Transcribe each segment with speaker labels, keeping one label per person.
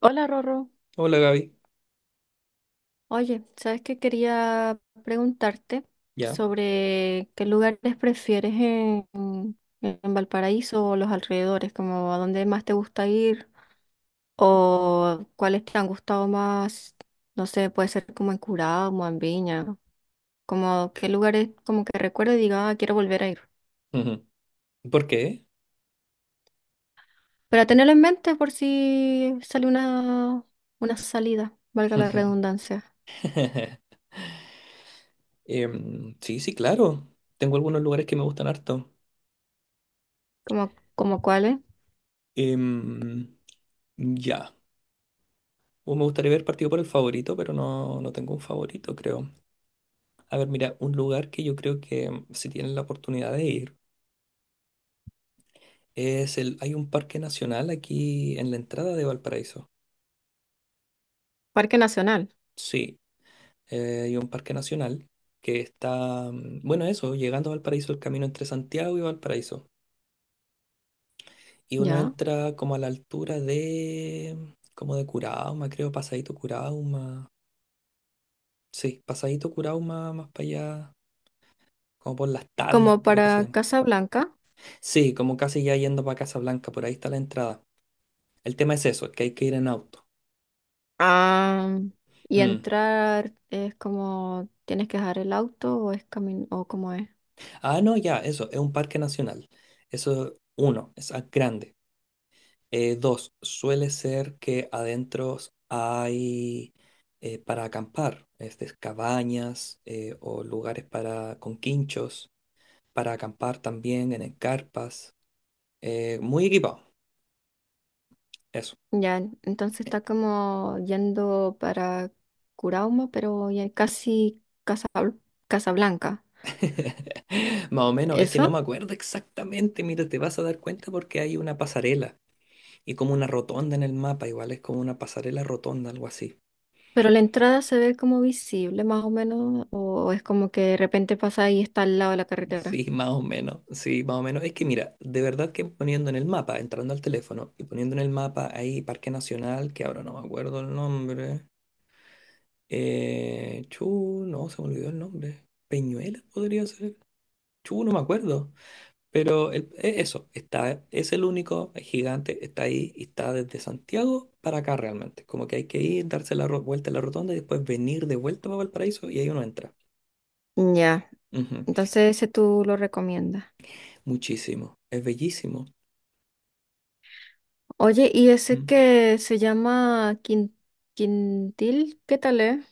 Speaker 1: Hola, Rorro.
Speaker 2: Hola Gaby,
Speaker 1: Oye, ¿sabes qué quería preguntarte
Speaker 2: ya.
Speaker 1: sobre qué lugares prefieres en Valparaíso o los alrededores? Como a dónde más te gusta ir o cuáles te han gustado más? No sé, puede ser como en Curado, como en Viña, como qué lugares como que recuerdo y diga, "Ah, quiero volver a ir.
Speaker 2: Ujú. ¿Por qué?
Speaker 1: Pero tenerlo en mente por si sale una salida, valga la redundancia,
Speaker 2: Sí, sí, claro. Tengo algunos lugares que me gustan harto.
Speaker 1: como cuáles.
Speaker 2: Em, ya. O me gustaría ver partido por el favorito, pero no, no tengo un favorito, creo. A ver, mira, un lugar que yo creo que si tienen la oportunidad de ir es el. Hay un parque nacional aquí en la entrada de Valparaíso.
Speaker 1: Parque Nacional,
Speaker 2: Sí, hay un parque nacional que está. Bueno, eso, llegando a Valparaíso, el camino entre Santiago y Valparaíso. Y uno
Speaker 1: ¿ya?
Speaker 2: entra como a la altura de, como de Curauma, creo, Pasadito Curauma. Sí, Pasadito Curauma más para allá, como por las tablas,
Speaker 1: Como
Speaker 2: creo que se
Speaker 1: para
Speaker 2: llama.
Speaker 1: Casa Blanca.
Speaker 2: Sí, como casi ya yendo para Casablanca, por ahí está la entrada. El tema es eso, que hay que ir en auto.
Speaker 1: Ah, y
Speaker 2: Mm.
Speaker 1: entrar, ¿es como tienes que dejar el auto o es camino o cómo es?
Speaker 2: Ah, no, ya, eso, es un parque nacional. Eso, uno, es grande. Dos, suele ser que adentro hay para acampar, este, cabañas o lugares para con quinchos para acampar también en carpas, muy equipado, eso.
Speaker 1: Ya, entonces está como yendo para Curauma, pero ya casi Casablanca.
Speaker 2: Más o menos, es que no me
Speaker 1: Eso.
Speaker 2: acuerdo exactamente, mira, te vas a dar cuenta porque hay una pasarela y como una rotonda en el mapa, igual es como una pasarela rotonda, algo así.
Speaker 1: Pero la entrada, ¿se ve como visible más o menos o es como que de repente pasa y está al lado de la carretera?
Speaker 2: Sí, más o menos, sí, más o menos. Es que mira, de verdad que poniendo en el mapa, entrando al teléfono y poniendo en el mapa ahí Parque Nacional, que ahora no me acuerdo el nombre. Chu, no, se me olvidó el nombre. Peñuela podría ser. Chu, no me acuerdo. Pero eso, está, es el único gigante, está ahí y está desde Santiago para acá realmente. Como que hay que ir, darse la vuelta a la rotonda y después venir de vuelta para Valparaíso y ahí uno entra.
Speaker 1: Ya,
Speaker 2: Ujú,
Speaker 1: entonces ese tú lo recomiendas.
Speaker 2: muchísimo, es bellísimo.
Speaker 1: Oye, ¿y ese
Speaker 2: Mm.
Speaker 1: que se llama Quintil, qué tal es?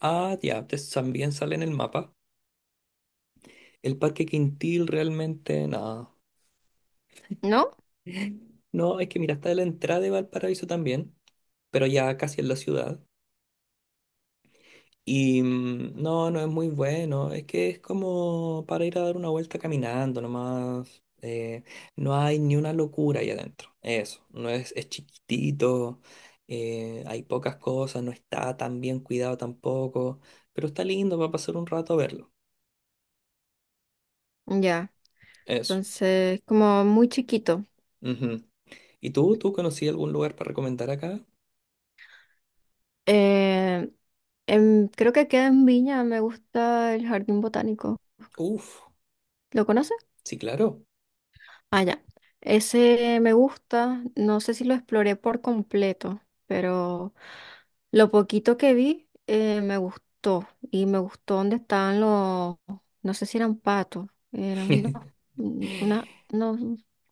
Speaker 2: Ah, ya, también sale en el mapa. El Parque Quintil realmente, nada.
Speaker 1: ¿No?
Speaker 2: No, es que mira, está la entrada de Valparaíso también, pero ya casi en la ciudad. Y no, no es muy bueno. Es que es como para ir a dar una vuelta caminando nomás. No hay ni una locura ahí adentro. Eso. No es, es chiquitito. Hay pocas cosas. No está tan bien cuidado tampoco. Pero está lindo para pasar un rato a verlo.
Speaker 1: Ya.
Speaker 2: Eso.
Speaker 1: Entonces, como muy chiquito.
Speaker 2: Ujú. ¿Y tú? ¿Tú conocí algún lugar para recomendar acá?
Speaker 1: Eh, Creo que queda en Viña, me gusta el jardín botánico.
Speaker 2: Uf.
Speaker 1: ¿Lo conoces?
Speaker 2: Sí, claro.
Speaker 1: Ah, ya. Ese me gusta, no sé si lo exploré por completo, pero lo poquito que vi, me gustó, y me gustó donde estaban los, no sé si eran patos, eran unos, un- una, unos-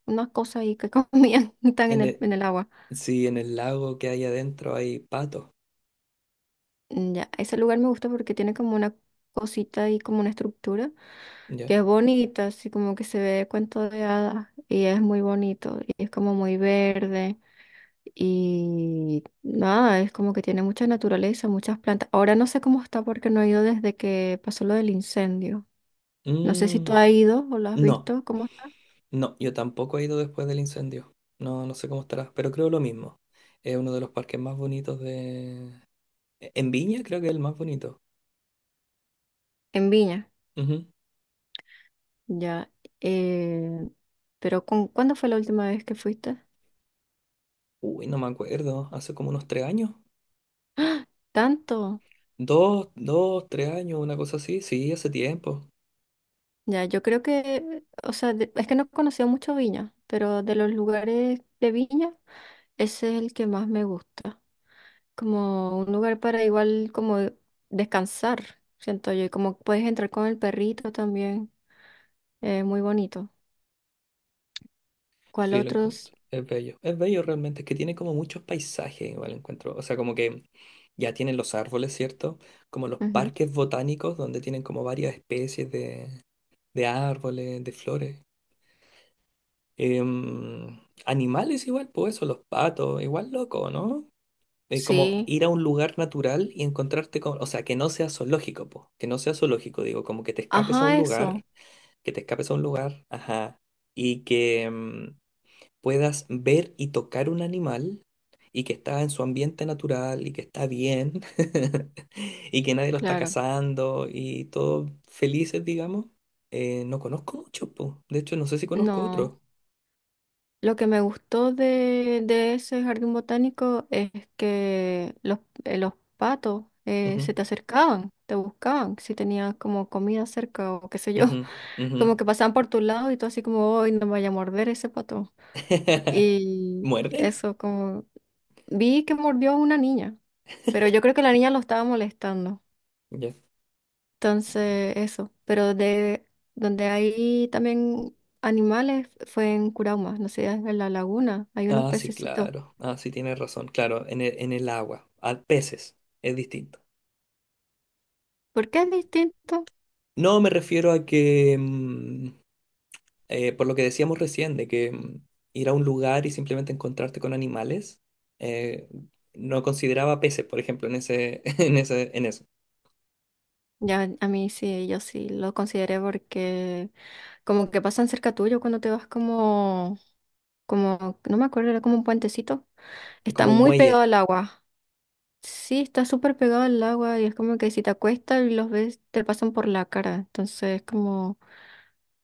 Speaker 1: unas cosas ahí que comían, están
Speaker 2: En el,
Speaker 1: en el agua.
Speaker 2: sí, en el lago que hay adentro hay patos.
Speaker 1: Mm, ya, ese lugar me gusta porque tiene como una cosita y como una estructura
Speaker 2: ¿Ya?
Speaker 1: que es bonita, así como que se ve cuento de hadas y es muy bonito y es como muy verde y nada, es como que tiene mucha naturaleza, muchas plantas. Ahora no sé cómo está porque no he ido desde que pasó lo del incendio. No sé si tú
Speaker 2: Mm,
Speaker 1: has ido o lo has
Speaker 2: no.
Speaker 1: visto, ¿cómo está?
Speaker 2: No, yo tampoco he ido después del incendio. No, no sé cómo estará, pero creo lo mismo. Es uno de los parques más bonitos de... En Viña creo que es el más bonito.
Speaker 1: En Viña,
Speaker 2: Ujú.
Speaker 1: ya. Eh, pero cuándo fue la última vez que fuiste?
Speaker 2: Uy, no me acuerdo. Hace como unos 3 años.
Speaker 1: ¿Tanto?
Speaker 2: Dos, 3 años, una cosa así. Sí, hace tiempo.
Speaker 1: Ya, yo creo que, o sea, es que no he conocido mucho Viña, pero de los lugares de Viña, ese es el que más me gusta. Como un lugar para igual como descansar, siento yo, y como puedes entrar con el perrito también, es muy bonito. ¿Cuál
Speaker 2: Sí, lo
Speaker 1: otros?
Speaker 2: encuentro. Es bello. Es bello realmente. Es que tiene como muchos paisajes, igual encuentro. O sea, como que ya tienen los árboles, ¿cierto? Como los
Speaker 1: Ujú.
Speaker 2: parques botánicos donde tienen como varias especies de árboles, de flores. Em, animales igual, pues eso, los patos, igual loco, ¿no? Es como
Speaker 1: Sí,
Speaker 2: ir a un lugar natural y encontrarte con, o sea, que no sea zoológico, pues, que no sea zoológico, digo, como que te escapes a un
Speaker 1: ajá, eso,
Speaker 2: lugar, que te escapes a un lugar, ajá, y que puedas ver y tocar un animal y que está en su ambiente natural y que está bien y que nadie lo está
Speaker 1: claro.
Speaker 2: cazando y todos felices, digamos. No conozco mucho, pues, de hecho, no sé si conozco
Speaker 1: No.
Speaker 2: otro.
Speaker 1: Lo que me gustó de ese jardín botánico es que los patos,
Speaker 2: Ujú.
Speaker 1: se te acercaban, te buscaban, si tenías como comida cerca o qué sé yo,
Speaker 2: Ujú, ujú.
Speaker 1: como que pasaban por tu lado y tú así como, hoy no me vaya a morder ese pato. Y
Speaker 2: ¿Muerden?
Speaker 1: eso como, vi que mordió a una niña, pero yo creo que la niña lo estaba molestando.
Speaker 2: Ya.
Speaker 1: Entonces, eso, pero de donde hay también animales fue en Curauma, no sé, en la laguna hay unos
Speaker 2: Ah, sí,
Speaker 1: pececitos.
Speaker 2: claro. Ah, sí, tienes razón. Claro, en el agua, a peces, es distinto.
Speaker 1: ¿Por qué es distinto?
Speaker 2: No, me refiero a que, por lo que decíamos recién, de que ir a un lugar y simplemente encontrarte con animales, eh, no consideraba peces, por ejemplo, en ese, en ese, en eso.
Speaker 1: Ya, a mí sí, yo sí lo consideré porque como que pasan cerca tuyo cuando te vas no me acuerdo, era como un puentecito.
Speaker 2: Es
Speaker 1: Está
Speaker 2: como un
Speaker 1: muy pegado
Speaker 2: muelle.
Speaker 1: al agua. Sí, está súper pegado al agua y es como que si te acuestas y los ves, te pasan por la cara. Entonces es como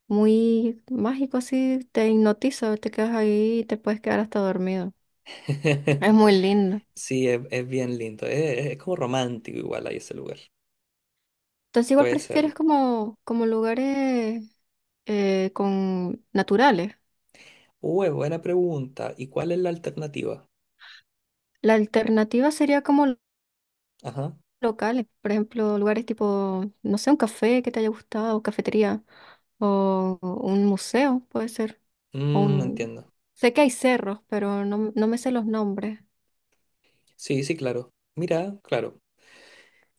Speaker 1: muy mágico así, te hipnotiza, te quedas ahí y te puedes quedar hasta dormido. Es muy lindo.
Speaker 2: Sí, es bien lindo. Es como romántico igual ahí ese lugar.
Speaker 1: Entonces igual
Speaker 2: Puede
Speaker 1: prefieres
Speaker 2: serlo.
Speaker 1: como lugares con naturales.
Speaker 2: Uy, buena pregunta. ¿Y cuál es la alternativa?
Speaker 1: La alternativa sería como
Speaker 2: Ajá.
Speaker 1: locales, por ejemplo, lugares tipo, no sé, un café que te haya gustado, cafetería, o un museo, puede ser, o
Speaker 2: Mm,
Speaker 1: un...
Speaker 2: entiendo.
Speaker 1: Sé que hay cerros, pero no, no me sé los nombres.
Speaker 2: Sí, sí, claro. Mira, claro.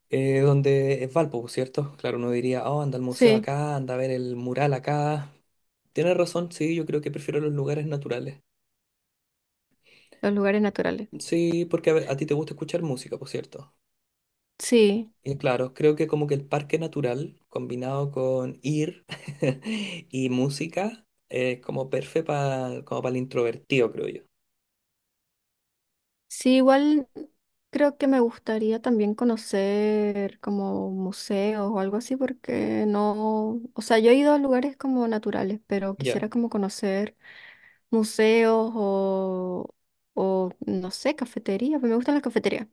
Speaker 2: donde es Valpo, pues, ¿cierto? Claro, uno diría, oh, anda al museo
Speaker 1: Sí,
Speaker 2: acá, anda a ver el mural acá. Tienes razón, sí, yo creo que prefiero los lugares naturales.
Speaker 1: los lugares naturales.
Speaker 2: Sí, porque a ti te gusta escuchar música, por cierto.
Speaker 1: Sí,
Speaker 2: Y claro, creo que como que el parque natural, combinado con ir y música, es como perfecto para como para el introvertido, creo yo.
Speaker 1: sí, igual creo que me gustaría también conocer como museos o algo así, porque no, o sea, yo he ido a lugares como naturales, pero
Speaker 2: Ya,
Speaker 1: quisiera como conocer museos o, no sé, cafeterías, pues me gustan las cafeterías.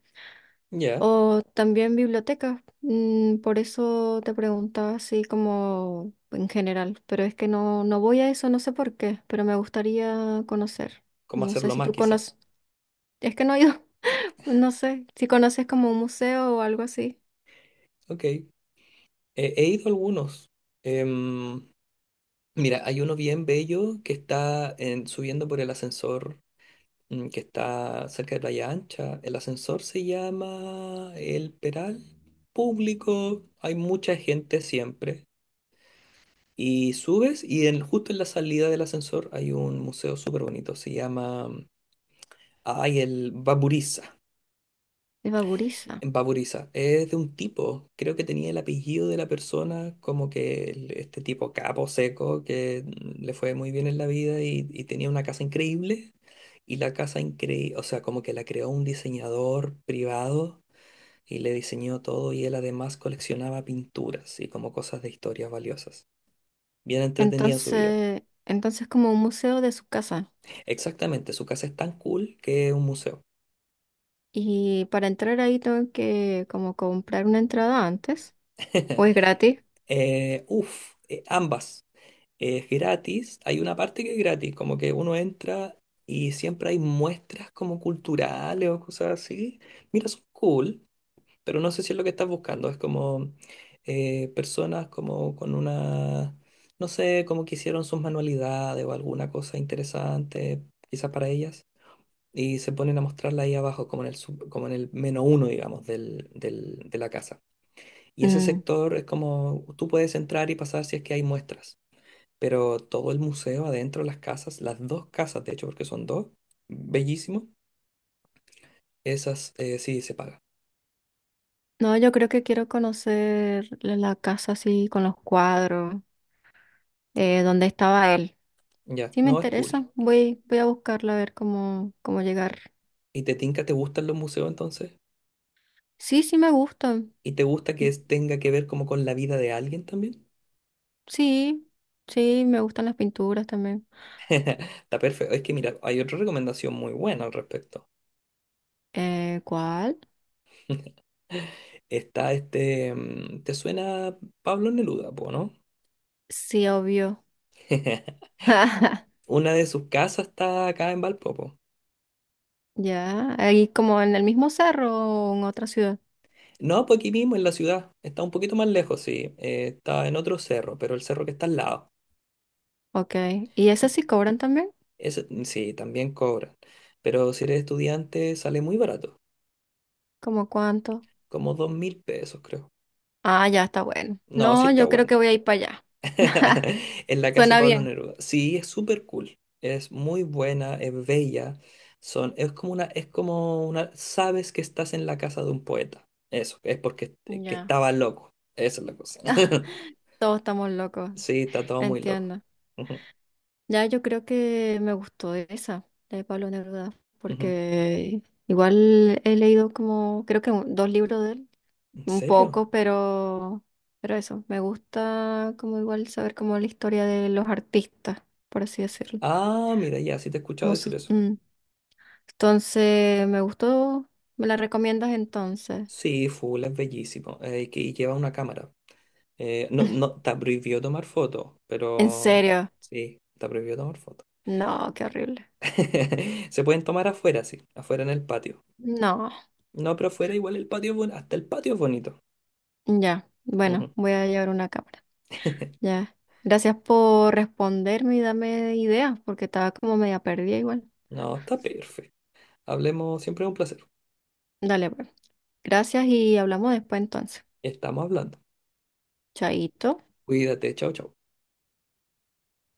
Speaker 2: ya.
Speaker 1: O también bibliotecas. Mm, por eso te preguntaba así como en general, pero es que no, no voy a eso, no sé por qué, pero me gustaría conocer.
Speaker 2: ¿Cómo
Speaker 1: No sé
Speaker 2: hacerlo
Speaker 1: si
Speaker 2: más,
Speaker 1: tú
Speaker 2: quizás?
Speaker 1: conoces, es que no he ido, no sé, si conoces como un museo o algo así
Speaker 2: Ok, he ido a algunos. Em, mira, hay uno bien bello que está subiendo por el ascensor que está cerca de Playa Ancha. El ascensor se llama El Peral Público. Hay mucha gente siempre. Y subes y justo en la salida del ascensor hay un museo súper bonito. Se llama, ay, el Baburiza.
Speaker 1: de Baburiza.
Speaker 2: En Papuriza, es de un tipo, creo que tenía el apellido de la persona, como que este tipo capo seco que le fue muy bien en la vida y tenía una casa increíble y la casa increíble, o sea, como que la creó un diseñador privado y le diseñó todo y él además coleccionaba pinturas y como cosas de historias valiosas. Bien entretenida su vida.
Speaker 1: Entonces, como un museo de su casa.
Speaker 2: Exactamente, su casa es tan cool que es un museo.
Speaker 1: Y para entrar ahí, ¿tengo que como comprar una entrada antes? ¿O es gratis?
Speaker 2: Ambas. Es gratis, hay una parte que es gratis, como que uno entra y siempre hay muestras como culturales o cosas así. Mira, son cool, pero no sé si es lo que estás buscando. Es como personas como con una, no sé, como que hicieron sus manualidades o alguna cosa interesante, quizás para ellas, y se ponen a mostrarla ahí abajo, como en el, como en el menos uno, digamos, del, de la casa. Y ese
Speaker 1: Mm,
Speaker 2: sector es como, tú puedes entrar y pasar si es que hay muestras, pero todo el museo adentro, las casas, las dos casas, de hecho, porque son dos, bellísimo, esas sí se paga.
Speaker 1: no, yo creo que quiero conocer la casa así con los cuadros, donde estaba él.
Speaker 2: Ya,
Speaker 1: Sí me
Speaker 2: no es cool.
Speaker 1: interesa, voy, voy a buscarla a ver cómo, cómo llegar.
Speaker 2: ¿Y te tinca, te gustan los museos entonces?
Speaker 1: Sí, sí me gustan.
Speaker 2: ¿Y te gusta que tenga que ver como con la vida de alguien también?
Speaker 1: Sí, sí, me gustan las pinturas también.
Speaker 2: Está perfecto. Es que mira, hay otra recomendación muy buena al respecto.
Speaker 1: ¿Cuál?
Speaker 2: Está este, mm, ¿te suena Pablo Neruda, po, no?
Speaker 1: Sí, obvio.
Speaker 2: Una de sus casas está acá en Valpo, po.
Speaker 1: Ya, ahí, ¿como en el mismo cerro o en otra ciudad?
Speaker 2: No, pues aquí mismo en la ciudad. Está un poquito más lejos, sí. Está en otro cerro, pero el cerro que está al lado.
Speaker 1: Ok. ¿Y esas sí cobran también?
Speaker 2: Ese, mm, sí, también cobran. Pero si eres estudiante, sale muy barato.
Speaker 1: ¿Cómo cuánto?
Speaker 2: Como 2.000 pesos, creo.
Speaker 1: Ah, ya, está bueno.
Speaker 2: No, sí
Speaker 1: No,
Speaker 2: está
Speaker 1: yo creo que
Speaker 2: bueno.
Speaker 1: voy a ir para allá.
Speaker 2: En la casa de
Speaker 1: Suena
Speaker 2: Pablo
Speaker 1: bien.
Speaker 2: Neruda. Sí, es súper cool. Es muy buena, es bella. Son, es como una, sabes que estás en la casa de un poeta. Eso, es porque que
Speaker 1: Ya,
Speaker 2: estaba loco. Esa es la cosa.
Speaker 1: todos estamos locos,
Speaker 2: Sí, está todo muy loco.
Speaker 1: entiendo.
Speaker 2: Ujú,
Speaker 1: Ya, yo creo que me gustó esa de Pablo Neruda,
Speaker 2: ujú.
Speaker 1: porque igual he leído como, creo que dos libros de él,
Speaker 2: ¿En
Speaker 1: un
Speaker 2: serio?
Speaker 1: poco, pero eso, me gusta como igual saber como la historia de los artistas, por así decirlo.
Speaker 2: Ah, mira, ya, sí te he escuchado
Speaker 1: Como
Speaker 2: decir eso.
Speaker 1: mm. Entonces, me gustó, ¿me la recomiendas entonces?
Speaker 2: Sí, full, es bellísimo. Y lleva una cámara. No, no, está prohibido tomar fotos,
Speaker 1: ¿En
Speaker 2: pero
Speaker 1: serio?
Speaker 2: sí, está prohibido tomar fotos.
Speaker 1: No, qué horrible.
Speaker 2: Se pueden tomar afuera, sí, afuera en el patio.
Speaker 1: No,
Speaker 2: No, pero afuera igual el patio es bonito, hasta el patio es bonito.
Speaker 1: ya, bueno,
Speaker 2: Ujú.
Speaker 1: voy a llevar una cámara. Ya. Gracias por responderme y darme ideas, porque estaba como media perdida igual.
Speaker 2: No, está perfecto. Hablemos, siempre es un placer.
Speaker 1: Dale, pues. Gracias y hablamos después entonces.
Speaker 2: Estamos hablando.
Speaker 1: Chaito.
Speaker 2: Cuídate, chao, chao.